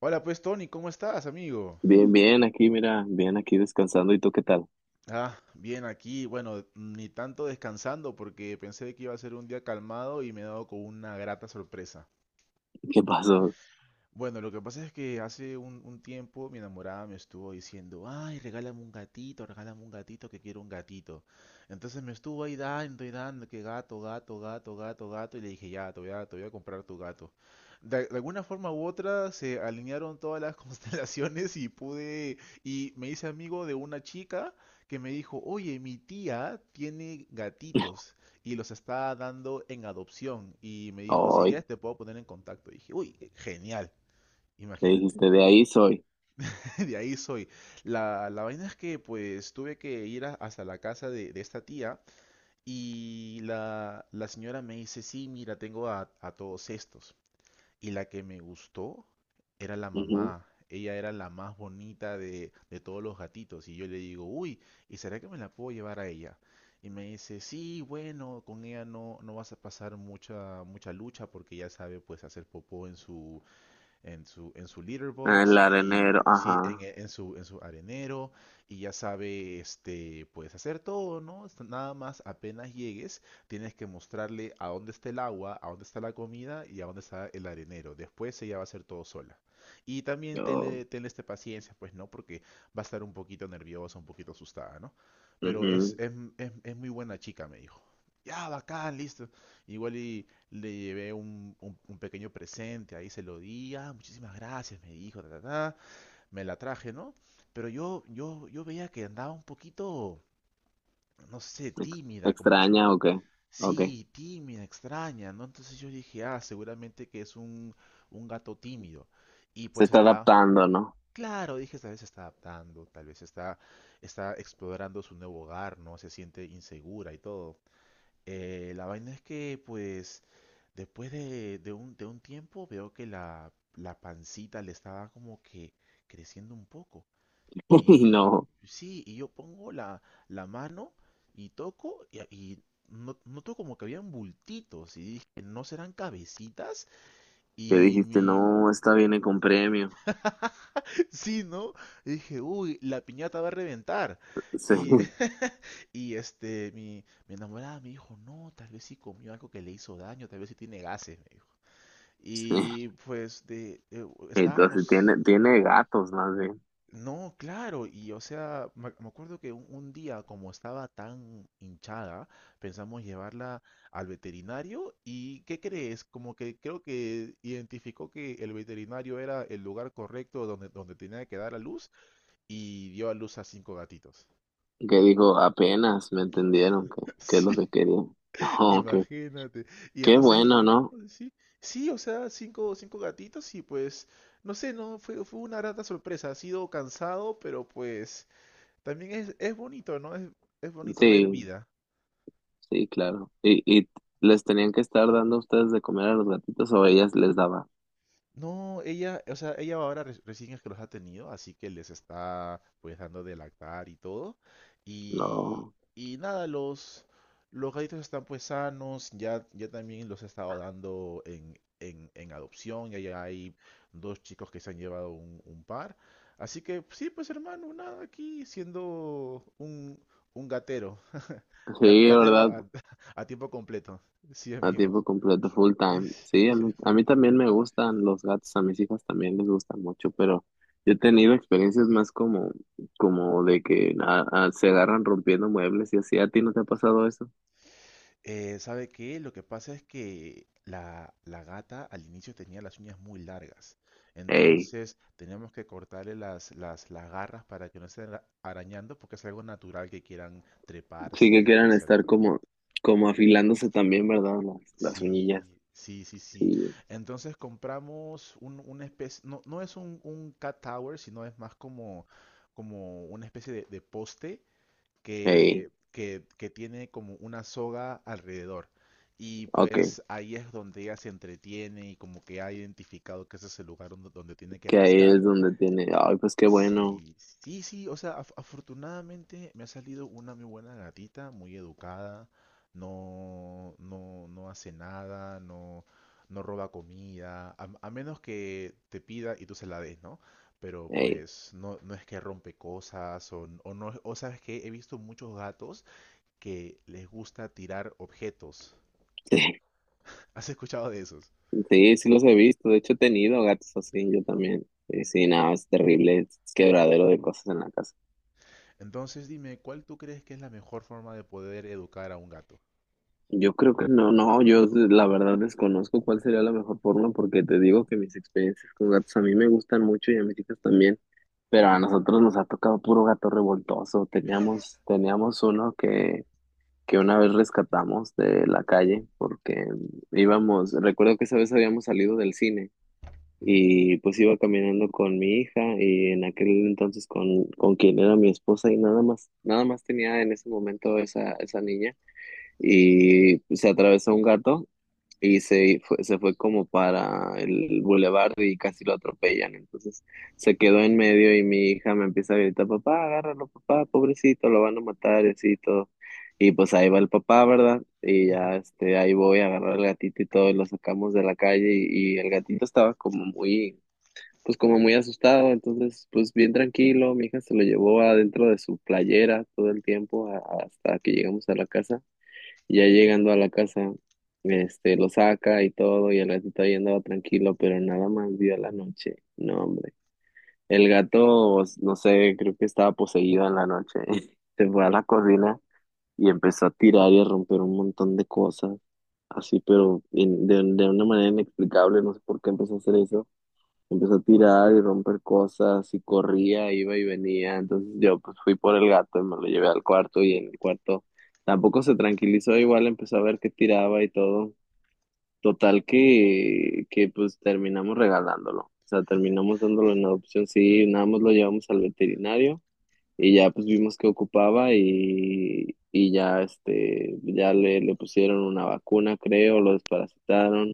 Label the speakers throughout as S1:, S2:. S1: Hola pues Tony, ¿cómo estás, amigo?
S2: Bien, bien, aquí, mira, bien, aquí descansando. ¿Y tú qué tal?
S1: Ah, bien aquí, bueno, ni tanto descansando porque pensé que iba a ser un día calmado y me he dado con una grata sorpresa.
S2: ¿Qué pasó?
S1: Bueno, lo que pasa es que hace un tiempo mi enamorada me estuvo diciendo, ay, regálame un gatito, que quiero un gatito. Entonces me estuvo ahí dando y dando, que gato, gato, gato, gato, gato, y le dije, ya, te voy a comprar tu gato. De alguna forma u otra se alinearon todas las constelaciones y pude, y me hice amigo de una chica que me dijo, oye, mi tía tiene gatitos y los está dando en adopción. Y me dijo, si
S2: Hoy,
S1: quieres te puedo poner en contacto. Y dije, uy, genial.
S2: Le
S1: Imagínate,
S2: dijiste, de ahí soy.
S1: de ahí soy. La vaina es que pues tuve que hasta la casa de esta tía y la señora me dice, sí, mira, tengo a todos estos. Y la que me gustó era la
S2: Ujú.
S1: mamá. Ella era la más bonita de todos los gatitos. Y yo le digo, uy, ¿y será que me la puedo llevar a ella? Y me dice, sí, bueno, con ella no, no vas a pasar mucha, mucha lucha porque ella sabe pues hacer popó en su, en su litter
S2: Ah,
S1: box
S2: el arenero,
S1: y sí, en,
S2: ajá.
S1: e, en su, en su arenero y ya sabe, puedes hacer todo, ¿no? Nada más apenas llegues, tienes que mostrarle a dónde está el agua, a dónde está la comida y a dónde está el arenero. Después ella va a hacer todo sola. Y también tenle,
S2: Oh,
S1: tenle paciencia, pues, ¿no? Porque va a estar un poquito nerviosa, un poquito asustada, ¿no? Pero es,
S2: ujú.
S1: es, es, es muy buena chica, me dijo. Ya, bacán, listo. Igual y le llevé un pequeño presente, ahí se lo di, ah, muchísimas gracias, me dijo, ta, ta, ta, me la traje, ¿no? Pero yo veía que andaba un poquito, no sé,
S2: Ex-
S1: tímida, como que se.
S2: ¿Extraña o qué? Ok.
S1: Sí, tímida, extraña, ¿no? Entonces yo dije, ah, seguramente que es un gato tímido. Y
S2: Se
S1: pues
S2: está
S1: está,
S2: adaptando, ¿no?
S1: claro, dije, tal vez se está adaptando, tal vez está explorando su nuevo hogar, ¿no? Se siente insegura y todo. La vaina es que, pues, después de un tiempo veo que la pancita le estaba como que creciendo un poco.
S2: Y
S1: Y
S2: no.
S1: sí, y yo pongo la mano y toco y noto como que habían bultitos y dije, ¿no serán cabecitas?
S2: ¿Qué
S1: Y
S2: dijiste?
S1: mi,
S2: No, esta viene con premio.
S1: Sí, ¿no? Y dije, uy, la piñata va a reventar.
S2: Sí,
S1: Y, mi enamorada me dijo, no, tal vez sí comió algo que le hizo daño, tal vez sí tiene gases, me dijo.
S2: sí.
S1: Y pues
S2: Entonces tiene gatos más bien.
S1: no, claro, y o sea, me acuerdo que un día, como estaba tan hinchada, pensamos llevarla al veterinario y ¿qué crees? Como que creo que identificó que el veterinario era el lugar correcto donde, donde tenía que dar a luz y dio a luz a cinco gatitos.
S2: Que dijo, apenas me entendieron que, que es lo que
S1: Sí,
S2: quería. Oh, ok.
S1: imagínate. Y
S2: Qué
S1: entonces
S2: bueno,
S1: llegamos,
S2: ¿no?
S1: sí, sí, o sea, cinco gatitos y pues, no sé, no, fue una grata sorpresa. Ha sido cansado, pero pues también es bonito, ¿no? Es bonito ver
S2: Sí.
S1: vida.
S2: Sí, claro. ¿Y les tenían que estar dando a ustedes de comer a los gatitos o ellas les daba?
S1: No, ella, o sea, ella ahora recién es que los ha tenido, así que les está pues dando de lactar y todo. Y,
S2: No.
S1: y nada, los gatitos están pues sanos, ya, ya también los he estado dando en adopción, ya, ya hay dos chicos que se han llevado un par. Así que sí, pues hermano, nada, aquí siendo un gatero, Gat-
S2: Sí,
S1: gatero
S2: ¿verdad?
S1: a, a tiempo completo, sí
S2: A
S1: amigo,
S2: tiempo completo, full time. Sí, a mí, a
S1: full
S2: mí
S1: time.
S2: también me gustan los gatos, a mis hijas también les gustan mucho, pero yo he tenido experiencias más como, como de que se agarran rompiendo muebles y así. ¿A ti no te ha pasado eso?
S1: ¿Sabe qué? Lo que pasa es que la gata al inicio tenía las uñas muy largas.
S2: Ey,
S1: Entonces tenemos que cortarle las garras para que no estén arañando porque es algo natural que quieran
S2: sí, que
S1: treparse y
S2: quieran
S1: hacer
S2: estar
S1: todo.
S2: como, como afilándose también, ¿verdad? Las
S1: Sí,
S2: uñillas.
S1: sí, sí, sí.
S2: Sí.
S1: Entonces compramos un, una especie, no, no es un cat tower, sino es más como una especie de poste
S2: Ey,
S1: que tiene como una soga alrededor. Y
S2: ok.
S1: pues ahí es donde ella se entretiene y como que ha identificado que ese es el lugar donde, donde tiene que
S2: Que ahí es
S1: rascar.
S2: donde tiene, ay, pues qué bueno.
S1: Sí, sí, sí, o sea, afortunadamente me ha salido una muy buena gatita, muy educada, no, no, no hace nada, no, no roba comida, a menos que te pida y tú se la des, ¿no? Pero
S2: Ey,
S1: pues no, no es que rompe cosas o, o no, o sabes que he visto muchos gatos que les gusta tirar objetos.
S2: sí,
S1: ¿Has escuchado de esos?
S2: sí, sí los he visto. De hecho, he tenido gatos así, yo también. Sí, sí, nada, es terrible, es quebradero de cosas en la casa.
S1: Entonces dime, ¿cuál tú crees que es la mejor forma de poder educar a un gato?
S2: Yo creo que no, no, yo la verdad desconozco cuál sería la mejor forma, porque te digo que mis experiencias con gatos, a mí me gustan mucho y a mis hijas también, pero a nosotros nos ha tocado puro gato revoltoso. Teníamos uno que una vez rescatamos de la calle porque íbamos, recuerdo que esa vez habíamos salido del cine. Y pues iba caminando con mi hija y en aquel entonces con quien era mi esposa, y nada más, nada más tenía en ese momento esa, esa niña, y se atravesó un gato y se fue como para el bulevar y casi lo atropellan. Entonces se quedó en medio y mi hija me empieza a gritar, papá, agárralo, papá, pobrecito, lo van a matar, y así y todo. Y pues ahí va el papá, ¿verdad? Y ya este, ahí voy a agarrar al gatito y todo, y lo sacamos de la calle, y el gatito estaba como muy, pues como muy asustado. Entonces, pues bien tranquilo, mi hija se lo llevó adentro de su playera todo el tiempo hasta que llegamos a la casa. Y ya llegando a la casa, este, lo saca y todo, y el gatito ahí andaba tranquilo, pero nada más vio la noche, no hombre, el gato, pues, no sé, creo que estaba poseído en la noche, se fue a la cocina y empezó a tirar y a romper un montón de cosas, así, pero de una manera inexplicable, no sé por qué empezó a hacer eso. Empezó a tirar y romper cosas, y corría, iba y venía. Entonces yo pues fui por el gato y me lo llevé al cuarto, y en el cuarto tampoco se tranquilizó, igual empezó a ver que tiraba y todo. Total que pues terminamos regalándolo. O sea, terminamos dándolo en adopción. Sí, nada más lo llevamos al veterinario y ya pues vimos que ocupaba, y ya este, ya le pusieron una vacuna, creo, lo desparasitaron,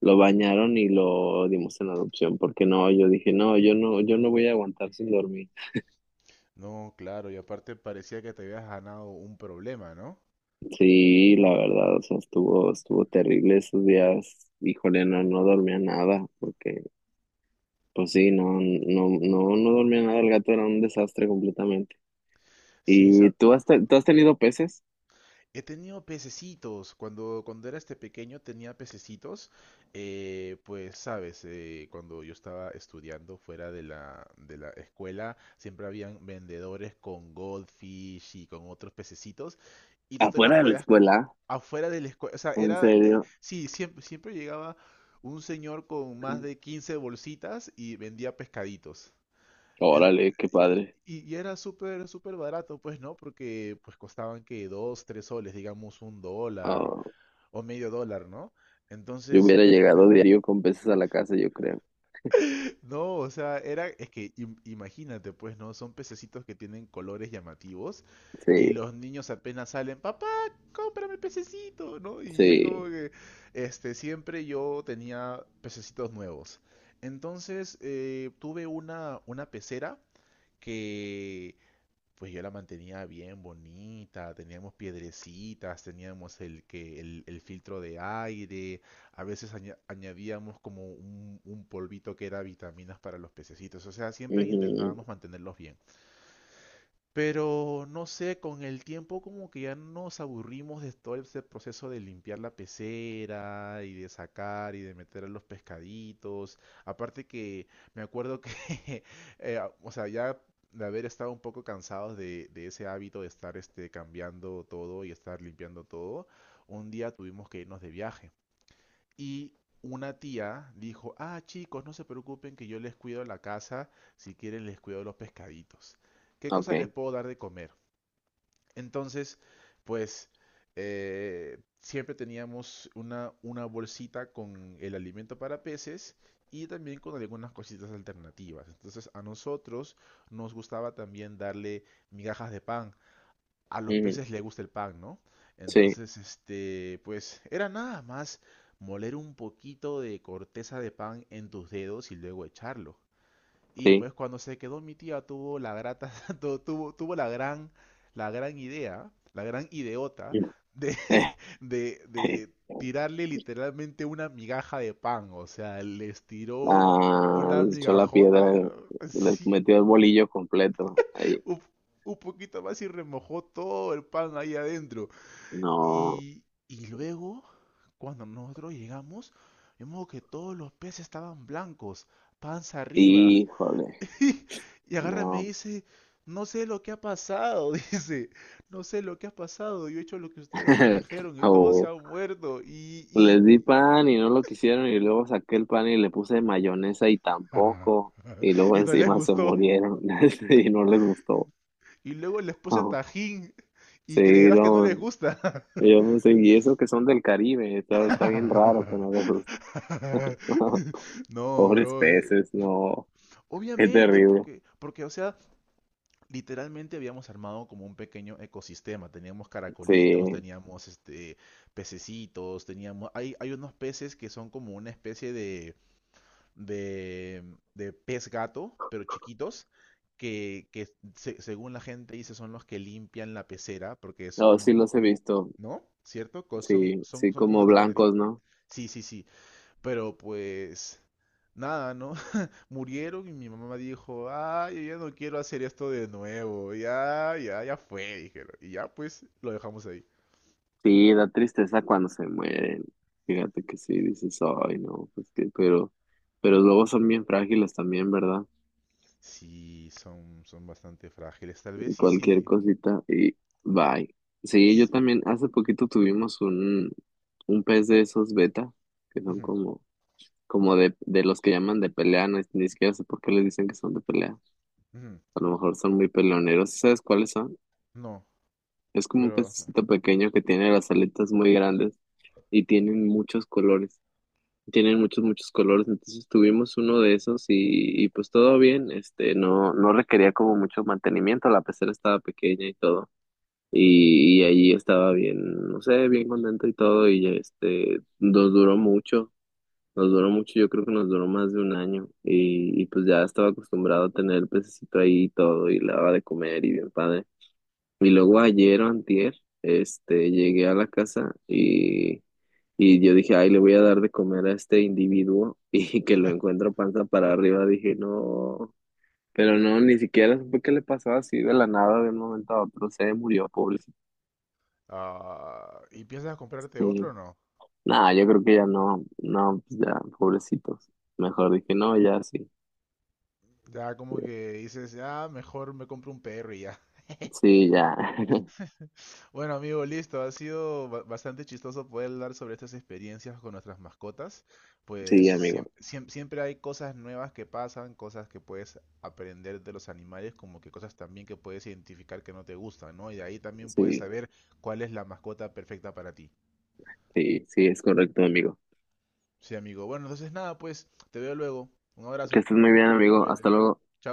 S2: lo bañaron y lo dimos en adopción, porque no, yo dije, no, yo no, yo no voy a aguantar sin dormir.
S1: No, claro, y aparte parecía que te habías ganado un problema, ¿no?
S2: Sí, la verdad, o sea, estuvo terrible esos días. Híjole, no, no dormía nada, porque, pues sí, no, no, no, no dormía nada, el gato era un desastre completamente.
S1: Sí,
S2: ¿Y tú has tenido peces?
S1: he tenido pececitos. Cuando era pequeño tenía pececitos. Pues sabes, cuando yo estaba estudiando fuera de la escuela, siempre habían vendedores con goldfish y con otros pececitos. Y tú te los
S2: Afuera de la
S1: podías,
S2: escuela,
S1: afuera de la escuela. O sea,
S2: ¿en serio?
S1: sí, siempre llegaba un señor con más de 15 bolsitas y vendía pescaditos. En-
S2: Órale, qué padre.
S1: y era súper, súper barato, pues, ¿no? Porque pues costaban que 2, 3 soles, digamos un dólar
S2: Ah,
S1: o medio dólar, ¿no?
S2: yo
S1: Entonces,
S2: hubiera
S1: ya.
S2: llegado diario con peces a la casa, yo creo.
S1: No, o sea, era, es que imagínate, pues, ¿no? Son pececitos que tienen colores llamativos
S2: Sí,
S1: y los niños apenas salen, papá, cómprame pececito, ¿no? Y es como
S2: sí.
S1: que, siempre yo tenía pececitos nuevos. Entonces, tuve una pecera que pues yo la mantenía bien bonita, teníamos piedrecitas, teníamos el filtro de aire, a veces añadíamos como un polvito que era vitaminas para los pececitos, o sea, siempre
S2: Ujú.
S1: intentábamos mantenerlos bien. Pero no sé, con el tiempo como que ya nos aburrimos de todo ese proceso de limpiar la pecera y de sacar y de meter a los pescaditos. Aparte que me acuerdo que, o sea, ya de haber estado un poco cansados de ese hábito de estar cambiando todo y estar limpiando todo, un día tuvimos que irnos de viaje. Y una tía dijo, ah, chicos, no se preocupen que yo les cuido la casa, si quieren les cuido los pescaditos. ¿Qué cosa les
S2: Ok.
S1: puedo dar de comer? Entonces, pues siempre teníamos una bolsita con el alimento para peces y también con algunas cositas alternativas. Entonces a nosotros nos gustaba también darle migajas de pan, a los
S2: Ujú.
S1: peces le gusta el pan, ¿no?
S2: Sí.
S1: Entonces, pues era nada más moler un poquito de corteza de pan en tus dedos y luego echarlo. Y
S2: Sí.
S1: pues cuando se quedó mi tía tuvo la grata, tuvo la gran idea, la gran ideota de, de tirarle literalmente una migaja de pan. O sea, les tiró
S2: Ah,
S1: una
S2: les echó la piedra,
S1: migajota,
S2: les
S1: sí,
S2: metió el bolillo completo. Ahí.
S1: un, un poquito más y remojó todo el pan ahí adentro.
S2: No,
S1: Y luego, cuando nosotros llegamos, vimos que todos los peces estaban blancos, panza arriba.
S2: híjole,
S1: Y y agarra y me
S2: no.
S1: dice, no sé lo que ha pasado, dice, no sé lo que ha pasado, yo he hecho lo que ustedes me dijeron y todos se
S2: O
S1: han muerto
S2: les di pan y no lo quisieron, y luego saqué el pan y le puse mayonesa y tampoco. Y luego
S1: y no les
S2: encima se
S1: gustó.
S2: murieron y no les gustó.
S1: Y luego les puse tajín y
S2: Sí,
S1: creerás que no
S2: no,
S1: les gusta.
S2: yo no sé, y eso que son del Caribe, está, está bien raro que no les guste.
S1: No,
S2: Pobres
S1: bro.
S2: peces, no, qué
S1: Obviamente,
S2: terrible.
S1: porque, o sea, literalmente habíamos armado como un pequeño ecosistema. Teníamos caracolitos,
S2: Sí,
S1: teníamos pececitos, teníamos hay unos peces que son como una especie de, pez gato, pero chiquitos. Que según la gente dice son los que limpian la pecera, porque es
S2: no,
S1: como,
S2: sí los he
S1: como
S2: visto.
S1: ¿no? ¿Cierto? Son,
S2: Sí,
S1: son,
S2: sí,
S1: son como
S2: como
S1: de color
S2: blancos,
S1: negrito.
S2: ¿no?
S1: Sí, sí, sí. Pero pues nada, ¿no? Murieron y mi mamá dijo, ah, yo ya no quiero hacer esto de nuevo, ya, ya, ya fue, dijeron. Y ya pues lo dejamos ahí.
S2: Sí, da tristeza cuando se mueren. Fíjate que sí, dices, ay, no, pues que, pero luego son bien frágiles también, ¿verdad?
S1: Sí, son bastante frágiles, tal vez sí,
S2: Cualquier
S1: sí.
S2: cosita y bye. Sí, yo
S1: s-
S2: también, hace poquito tuvimos un pez de esos beta, que son
S1: Ujú,
S2: como, como de los que llaman de pelea, no, ni siquiera sé por qué les dicen que son de pelea.
S1: ujú,
S2: A lo mejor son muy peleoneros. ¿Sabes cuáles son?
S1: no,
S2: Es como un
S1: pero.
S2: pececito pequeño que tiene las aletas muy grandes y tienen muchos colores, tienen muchos, muchos colores. Entonces tuvimos uno de esos, y pues todo bien, este, no, no requería como mucho mantenimiento, la pecera estaba pequeña y todo, y allí estaba bien, no sé, bien contento y todo, y este, nos duró mucho, yo creo que nos duró más de un año, y pues ya estaba acostumbrado a tener el pececito ahí y todo, y le daba de comer y bien padre, y luego ayer o antier, este, llegué a la casa y... Y yo dije, ay, le voy a dar de comer a este individuo, y que lo encuentro panza para arriba. Dije, no, pero no, ni siquiera supe qué le pasó, así de la nada, de un momento a otro. Se murió, pobrecito.
S1: Ah, ¿y piensas comprarte
S2: Y
S1: otro o no?
S2: nada, yo creo que ya no, no, pues ya, pobrecitos. Mejor dije, no, ya sí,
S1: Ya como que dices, ah, mejor me compro un perro y ya.
S2: sí, ya,
S1: Bueno, amigo, listo. Ha sido bastante chistoso poder hablar sobre estas experiencias con nuestras mascotas. Pues
S2: sí, amigo,
S1: siempre hay cosas nuevas que pasan, cosas que puedes aprender de los animales, como que cosas también que puedes identificar que no te gustan, ¿no? Y de ahí también puedes
S2: sí,
S1: saber cuál es la mascota perfecta para ti.
S2: sí, sí, es correcto, amigo.
S1: Sí, amigo. Bueno, entonces nada, pues te veo luego. Un
S2: Que
S1: abrazo.
S2: estés muy bien, amigo.
S1: Cuídate.
S2: Hasta luego.
S1: Chao.